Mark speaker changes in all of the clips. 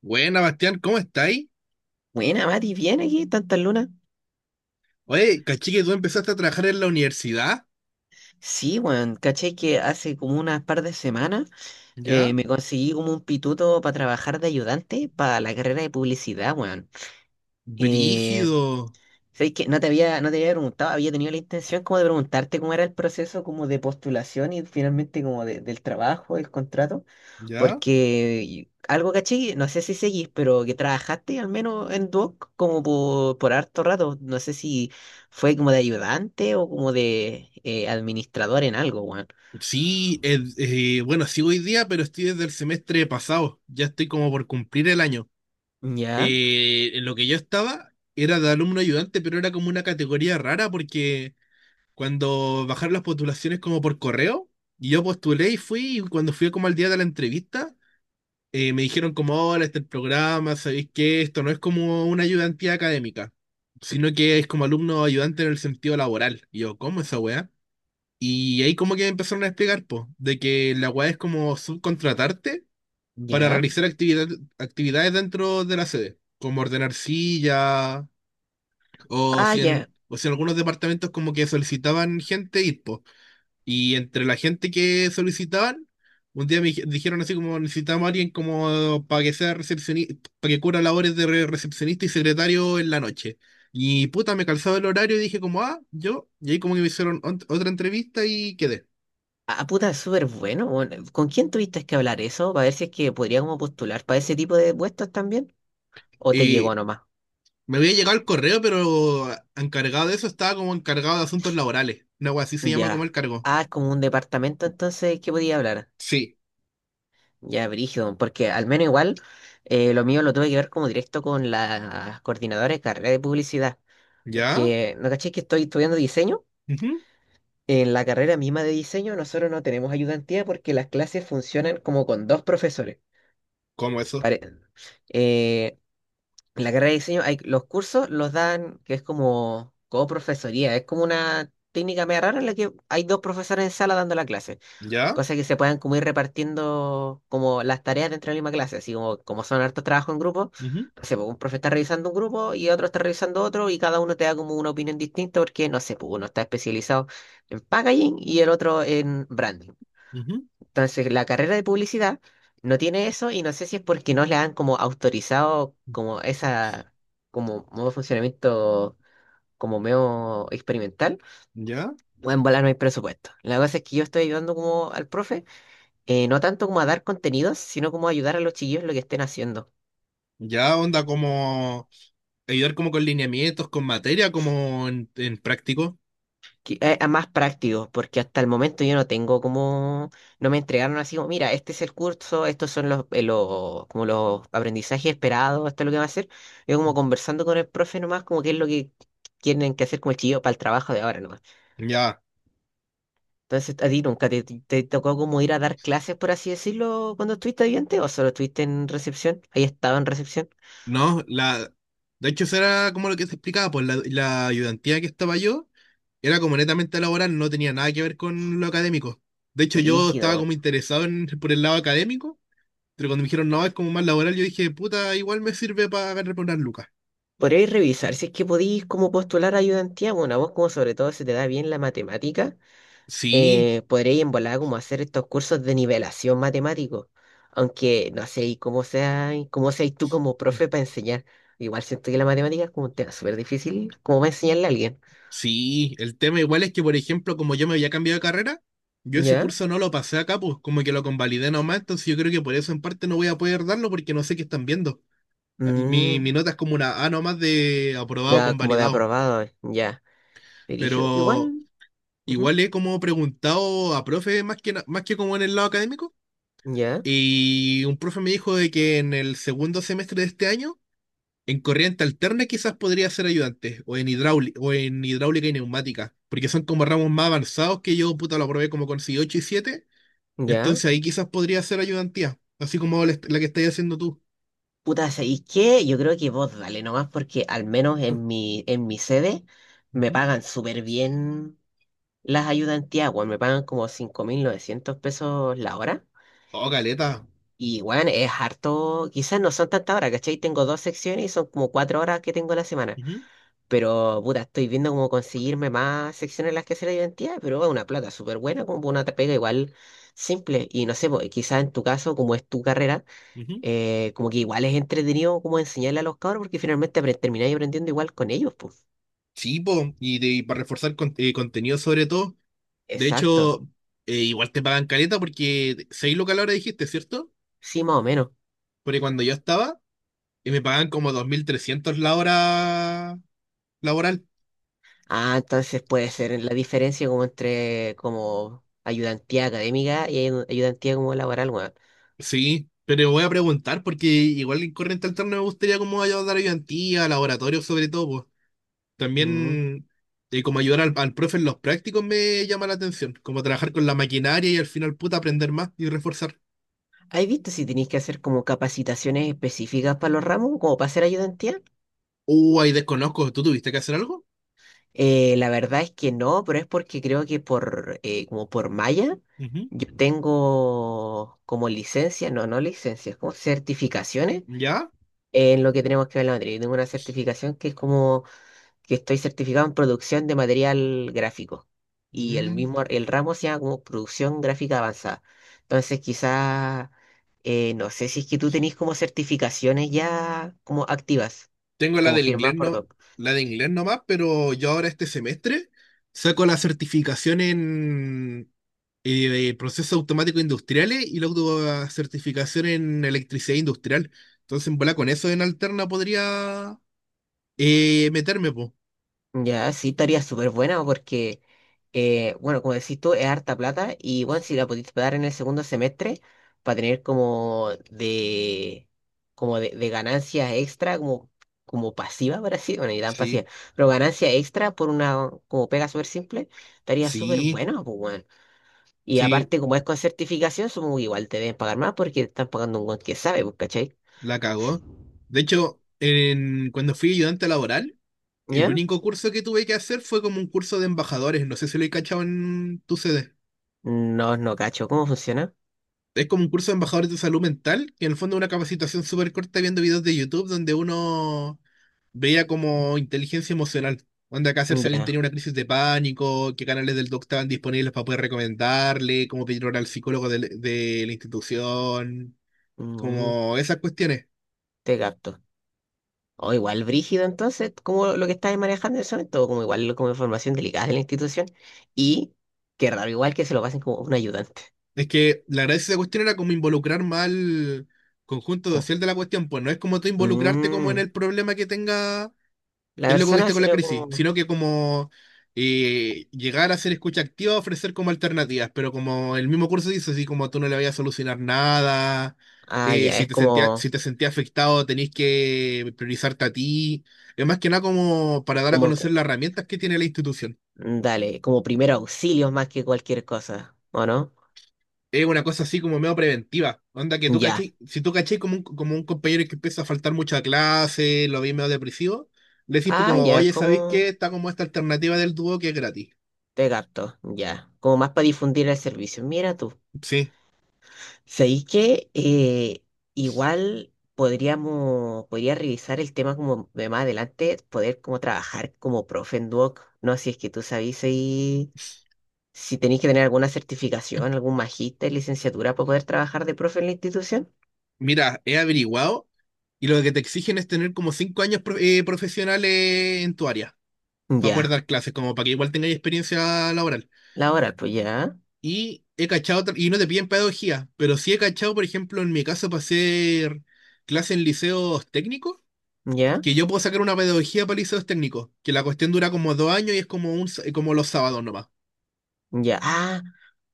Speaker 1: Buena, Bastián, ¿cómo estáis?
Speaker 2: Buena, Mati, ¿bien aquí? ¿Tantas lunas?
Speaker 1: Oye, caché que tú empezaste a trabajar en la universidad,
Speaker 2: Sí, weón, caché que hace como unas par de semanas
Speaker 1: ¿ya?
Speaker 2: me conseguí como un pituto para trabajar de ayudante para la carrera de publicidad, weón. Eh,
Speaker 1: Brígido,
Speaker 2: ¿Sabes qué? No te había preguntado, había tenido la intención como de preguntarte cómo era el proceso como de postulación y finalmente como del trabajo, el contrato.
Speaker 1: ¿ya?
Speaker 2: Porque algo caché, no sé si seguís, pero que trabajaste al menos en Duoc como por harto rato. No sé si fue como de ayudante o como de administrador en algo, weón.
Speaker 1: Sí, bueno, sigo hoy día, pero estoy desde el semestre pasado. Ya estoy como por cumplir el año.
Speaker 2: Ya,
Speaker 1: En lo que yo estaba era de alumno ayudante, pero era como una categoría rara porque cuando bajaron las postulaciones como por correo, y yo postulé y fui, y cuando fui como al día de la entrevista, me dijeron como, ahora este es el programa, sabéis que esto no es como una ayudantía académica, sino que es como alumno ayudante en el sentido laboral. Y yo, ¿cómo esa weá? Y ahí como que me empezaron a explicar, po, de que la weá es como subcontratarte para
Speaker 2: ya.
Speaker 1: realizar actividades dentro de la sede, como ordenar sillas, o
Speaker 2: Ah,
Speaker 1: si
Speaker 2: ya.
Speaker 1: en, o si en algunos departamentos como que solicitaban gente ir, po. Y entre la gente que solicitaban, un día me dijeron así como necesitamos a alguien como para que sea recepcionista, para que cubra labores de recepcionista y secretario en la noche. Y puta, me calzaba el horario y dije como, ah, yo, y ahí como que me hicieron otra entrevista y quedé.
Speaker 2: Ah, puta, es súper bueno, weón. ¿Con quién tuviste que hablar eso? Para ver si es que podría como postular para ese tipo de puestos también. ¿O te llegó
Speaker 1: Y
Speaker 2: nomás?
Speaker 1: me había llegado el correo, pero encargado de eso estaba como encargado de asuntos laborales. Una wea así se llama como el
Speaker 2: Ya.
Speaker 1: cargo.
Speaker 2: Ah, es como un departamento entonces que podía hablar.
Speaker 1: Sí.
Speaker 2: Ya, brígido, porque al menos igual lo mío lo tuve que ver como directo con la coordinadora de carrera de publicidad,
Speaker 1: ¿Ya?
Speaker 2: porque no caché que estoy estudiando diseño.
Speaker 1: Ujú.
Speaker 2: En la carrera misma de diseño nosotros no tenemos ayudantía porque las clases funcionan como con dos profesores.
Speaker 1: ¿Cómo eso?
Speaker 2: Pare- eh, en la carrera de diseño hay, los cursos los dan, que es como coprofesoría, es como una técnica media rara en la que hay dos profesores en sala dando la clase.
Speaker 1: ¿Ya?
Speaker 2: Cosa que se puedan como ir repartiendo como las tareas dentro de la misma clase, así como, como son hartos trabajos en grupo,
Speaker 1: Ujú,
Speaker 2: no sé, pues, un profe está revisando un grupo y otro está revisando otro y cada uno te da como una opinión distinta porque, no sé, pues uno está especializado en packaging y el otro en branding.
Speaker 1: ujú.
Speaker 2: Entonces, la carrera de publicidad no tiene eso y no sé si es porque no le han como autorizado como esa, como modo de funcionamiento como medio experimental,
Speaker 1: ¿Ya?
Speaker 2: o en volar no hay presupuesto. La cosa es que yo estoy ayudando como al profe no tanto como a dar contenidos, sino como ayudar a los chiquillos en lo que estén haciendo.
Speaker 1: Ya onda como ayudar como con lineamientos, con materia, como en práctico.
Speaker 2: Que, a más práctico porque hasta el momento yo no tengo como, no me entregaron así como, mira, este es el curso, estos son los como los aprendizajes esperados, esto es lo que va a hacer. Yo como conversando con el profe nomás, como qué es lo que tienen que hacer como el chiquillo para el trabajo de ahora nomás.
Speaker 1: Ya,
Speaker 2: Entonces, ¿a ti nunca te, te tocó como ir a dar clases, por así decirlo, cuando estuviste estudiante o solo estuviste en recepción? ¿Ahí estaba en recepción?
Speaker 1: no, la de hecho eso era como lo que te explicaba, pues la ayudantía que estaba yo era como netamente laboral, no tenía nada que ver con lo académico. De hecho yo estaba
Speaker 2: Brígido.
Speaker 1: como interesado por el lado académico, pero cuando me dijeron no, es como más laboral, yo dije, puta, igual me sirve para agarrar por unas lucas.
Speaker 2: Podríais revisar si es que podéis como postular ayudantía, bueno, a vos como sobre todo se te da bien la matemática,
Speaker 1: Sí,
Speaker 2: podríais en volada como hacer estos cursos de nivelación matemático, aunque no sé y cómo sea, y cómo seas tú como profe para enseñar. Igual siento que la matemática es como un tema súper difícil, como para enseñarle a alguien,
Speaker 1: sí, el tema igual es que, por ejemplo, como yo me había cambiado de carrera, yo ese
Speaker 2: ¿ya?
Speaker 1: curso no lo pasé acá, pues como que lo convalidé nomás, entonces yo creo que por eso en parte no voy a poder darlo porque no sé qué están viendo. Ah, y mi
Speaker 2: Mm,
Speaker 1: nota es como una A nomás de aprobado
Speaker 2: ya, como de
Speaker 1: convalidado,
Speaker 2: aprobado, ya. Dirijo,
Speaker 1: pero
Speaker 2: igual, ujú,
Speaker 1: igual he como preguntado a profe más que como en el lado académico
Speaker 2: ya,
Speaker 1: y un profe me dijo de que en el segundo semestre de este año en corriente alterna quizás podría ser ayudante, o en hidráulica y neumática, porque son como ramos más avanzados que yo, puta, lo probé como con 8 y 7,
Speaker 2: ya.
Speaker 1: entonces ahí quizás podría ser ayudantía, así como la, la que estás haciendo tú.
Speaker 2: Puta, ¿sabéis qué? Yo creo que vos dale nomás porque al menos en en mi sede me
Speaker 1: Ujú.
Speaker 2: pagan súper bien las ayudantías, weón. Me pagan como $5.900 la hora.
Speaker 1: Oh, caleta.
Speaker 2: Y bueno es harto, quizás no son tantas horas, ¿cachai? Tengo dos secciones y son como 4 horas que tengo a la semana.
Speaker 1: Ujú,
Speaker 2: Pero puta, estoy viendo cómo conseguirme más secciones en las que hacer ayudantía, pero es una plata súper buena, como una pega igual simple. Y no sé, pues, quizás en tu caso, como es tu carrera
Speaker 1: ujú.
Speaker 2: como que igual es entretenido como enseñarle a los cabros porque finalmente apre- termináis aprendiendo igual con ellos, pues.
Speaker 1: Sí, po, y, y para reforzar contenido sobre todo, de
Speaker 2: Exacto.
Speaker 1: hecho, igual te pagan caleta porque 6 lucas la hora dijiste, ¿cierto?
Speaker 2: Sí, más o menos.
Speaker 1: Porque cuando yo estaba, me pagan como 2.300 la hora laboral.
Speaker 2: Ah, entonces puede ser en la diferencia como entre como ayudantía académica y ayudantía como laboral, weón.
Speaker 1: Sí, pero voy a preguntar porque igual en corriente alterna me gustaría como ayudar a ayudantía, laboratorio sobre todo, pues.
Speaker 2: Mm.
Speaker 1: También como ayudar al profe en los prácticos me llama la atención, como trabajar con la maquinaria y al final puta aprender más y reforzar.
Speaker 2: ¿Has visto si tenéis que hacer como capacitaciones específicas para los ramos, como para hacer ayudantía?
Speaker 1: Ahí desconozco, ¿tú tuviste que hacer algo?
Speaker 2: La verdad es que no, pero es porque creo que por como por malla
Speaker 1: Ujú.
Speaker 2: yo tengo como licencia, no, no licencias, como certificaciones
Speaker 1: ¿Ya?
Speaker 2: en lo que tenemos que ver la materia. Yo tengo una certificación que es como que estoy certificado en producción de material gráfico. Y el
Speaker 1: Mm.
Speaker 2: mismo, el ramo se llama como producción gráfica avanzada. Entonces, quizás, no sé si es que tú tenés como certificaciones ya como activas,
Speaker 1: Tengo la
Speaker 2: como
Speaker 1: del inglés
Speaker 2: firmadas por
Speaker 1: no,
Speaker 2: dos.
Speaker 1: la de inglés nomás, pero yo ahora este semestre saco la certificación en procesos automáticos industriales y la autocertificación en electricidad industrial. Entonces, en bola, con eso en alterna podría meterme, po.
Speaker 2: Ya, sí, estaría súper buena porque, bueno, como decís tú, es harta plata y, bueno, si la pudiste pagar en el segundo semestre para tener como de ganancias extra, como, como pasiva, por así, bueno, ni tan pasiva,
Speaker 1: Sí,
Speaker 2: pero ganancia extra por una, como pega súper simple, estaría súper
Speaker 1: sí,
Speaker 2: buena, pues, bueno. Y
Speaker 1: sí,
Speaker 2: aparte, como es con certificación, supongo que igual te deben pagar más porque te están pagando un buen que sabe, pues, ¿cachai?
Speaker 1: la cagó. De hecho, cuando fui ayudante laboral, el
Speaker 2: ¿Ya?
Speaker 1: único curso que tuve que hacer fue como un curso de embajadores. No sé si lo he cachado en tu CD.
Speaker 2: No, no cacho, ¿cómo funciona?
Speaker 1: Es como un curso de embajadores de salud mental, que en el fondo es una capacitación súper corta viendo videos de YouTube donde uno veía como inteligencia emocional. Onda, acá hacerse alguien
Speaker 2: Ya,
Speaker 1: tenía una crisis de pánico, qué canales del doc estaban disponibles para poder recomendarle, cómo pedir hora al psicólogo de la institución,
Speaker 2: mm,
Speaker 1: como esas cuestiones.
Speaker 2: te capto. O igual brígido, entonces, como lo que estáis manejando en ese momento, como igual como información delicada de la institución. Y qué raro, igual que se lo pasen como un ayudante.
Speaker 1: Es que la gracia de esa cuestión era como involucrar más al conjunto
Speaker 2: Como,
Speaker 1: social de la cuestión, pues no es como tú involucrarte como en
Speaker 2: mm,
Speaker 1: el problema que tenga
Speaker 2: la
Speaker 1: el loco que
Speaker 2: persona,
Speaker 1: esté con la
Speaker 2: sino
Speaker 1: crisis,
Speaker 2: como.
Speaker 1: sino que como llegar a ser escucha activa, ofrecer como alternativas, pero como el mismo curso dice, así como tú no le vayas a solucionar nada,
Speaker 2: Ah, ya,
Speaker 1: si
Speaker 2: es
Speaker 1: te sentías,
Speaker 2: como,
Speaker 1: si te sentías afectado tenés que priorizarte a ti, es más que nada como para dar a
Speaker 2: como. co-
Speaker 1: conocer las herramientas que tiene la institución.
Speaker 2: Dale, como primer auxilio más que cualquier cosa, ¿o no?
Speaker 1: Es una cosa así como medio preventiva. Onda que tú
Speaker 2: Ya.
Speaker 1: cachai, si tú cachai como un compañero que empieza a faltar mucha clase, lo vi medio depresivo, le decís pues
Speaker 2: Ah,
Speaker 1: como,
Speaker 2: ya, es
Speaker 1: oye, ¿sabéis qué?
Speaker 2: como.
Speaker 1: Está como esta alternativa del dúo que es gratis.
Speaker 2: Te capto, ya. Como más para difundir el servicio. Mira tú.
Speaker 1: Sí.
Speaker 2: ¿Sabéis que igual podríamos, podría revisar el tema como de más adelante, poder como trabajar como profe en Duoc? No, si es que tú sabéis si tenéis que tener alguna certificación, algún magíster, licenciatura para poder trabajar de profe en la institución.
Speaker 1: Mira, he averiguado y lo que te exigen es tener como 5 años profesionales en tu área para poder
Speaker 2: Ya,
Speaker 1: dar clases, como para que igual tengáis experiencia laboral.
Speaker 2: la hora, pues ya,
Speaker 1: Y he cachado, y no te piden pedagogía, pero sí he cachado, por ejemplo, en mi caso para hacer clases en liceos técnicos,
Speaker 2: ya,
Speaker 1: que yo puedo sacar una pedagogía para liceos técnicos, que la cuestión dura como 2 años y es como, como los sábados nomás.
Speaker 2: ya. Ah,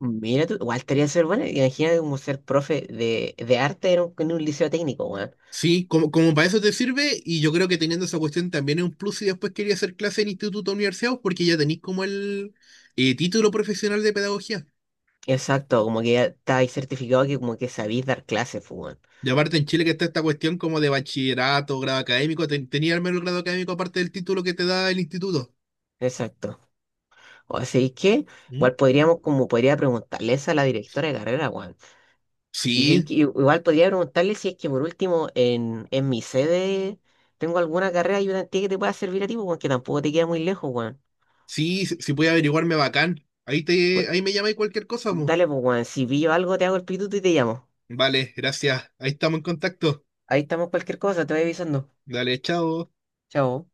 Speaker 2: mira tú, igual estaría ser bueno, imagina como ser profe de arte en un liceo técnico, weón.
Speaker 1: Sí, como para eso te sirve, y yo creo que teniendo esa cuestión también es un plus si después quería hacer clase en instituto o universidad, porque ya tenéis como el título profesional de pedagogía.
Speaker 2: Exacto, como que ya estáis certificado que como que sabéis dar clases, pues, weón.
Speaker 1: Y aparte en Chile que está esta cuestión como de bachillerato, grado académico, tenía al menos el grado académico aparte del título que te da el instituto.
Speaker 2: Exacto. O sea, que
Speaker 1: ¿Mm?
Speaker 2: igual podríamos, como podría preguntarles a la directora de carrera, Juan. Y sí
Speaker 1: Sí,
Speaker 2: que igual podría preguntarle si es que por último en, mi sede tengo alguna carrera ayudantía que te pueda servir a ti, Juan, que tampoco te queda muy lejos, Juan.
Speaker 1: sí, si, si puede averiguarme bacán.
Speaker 2: Pues,
Speaker 1: Ahí me llamáis cualquier cosa, mo.
Speaker 2: dale, pues, Juan, si pillo algo te hago el pituto y te llamo.
Speaker 1: Vale, gracias. Ahí estamos en contacto.
Speaker 2: Ahí estamos cualquier cosa, te voy avisando.
Speaker 1: Dale, chao.
Speaker 2: Chao.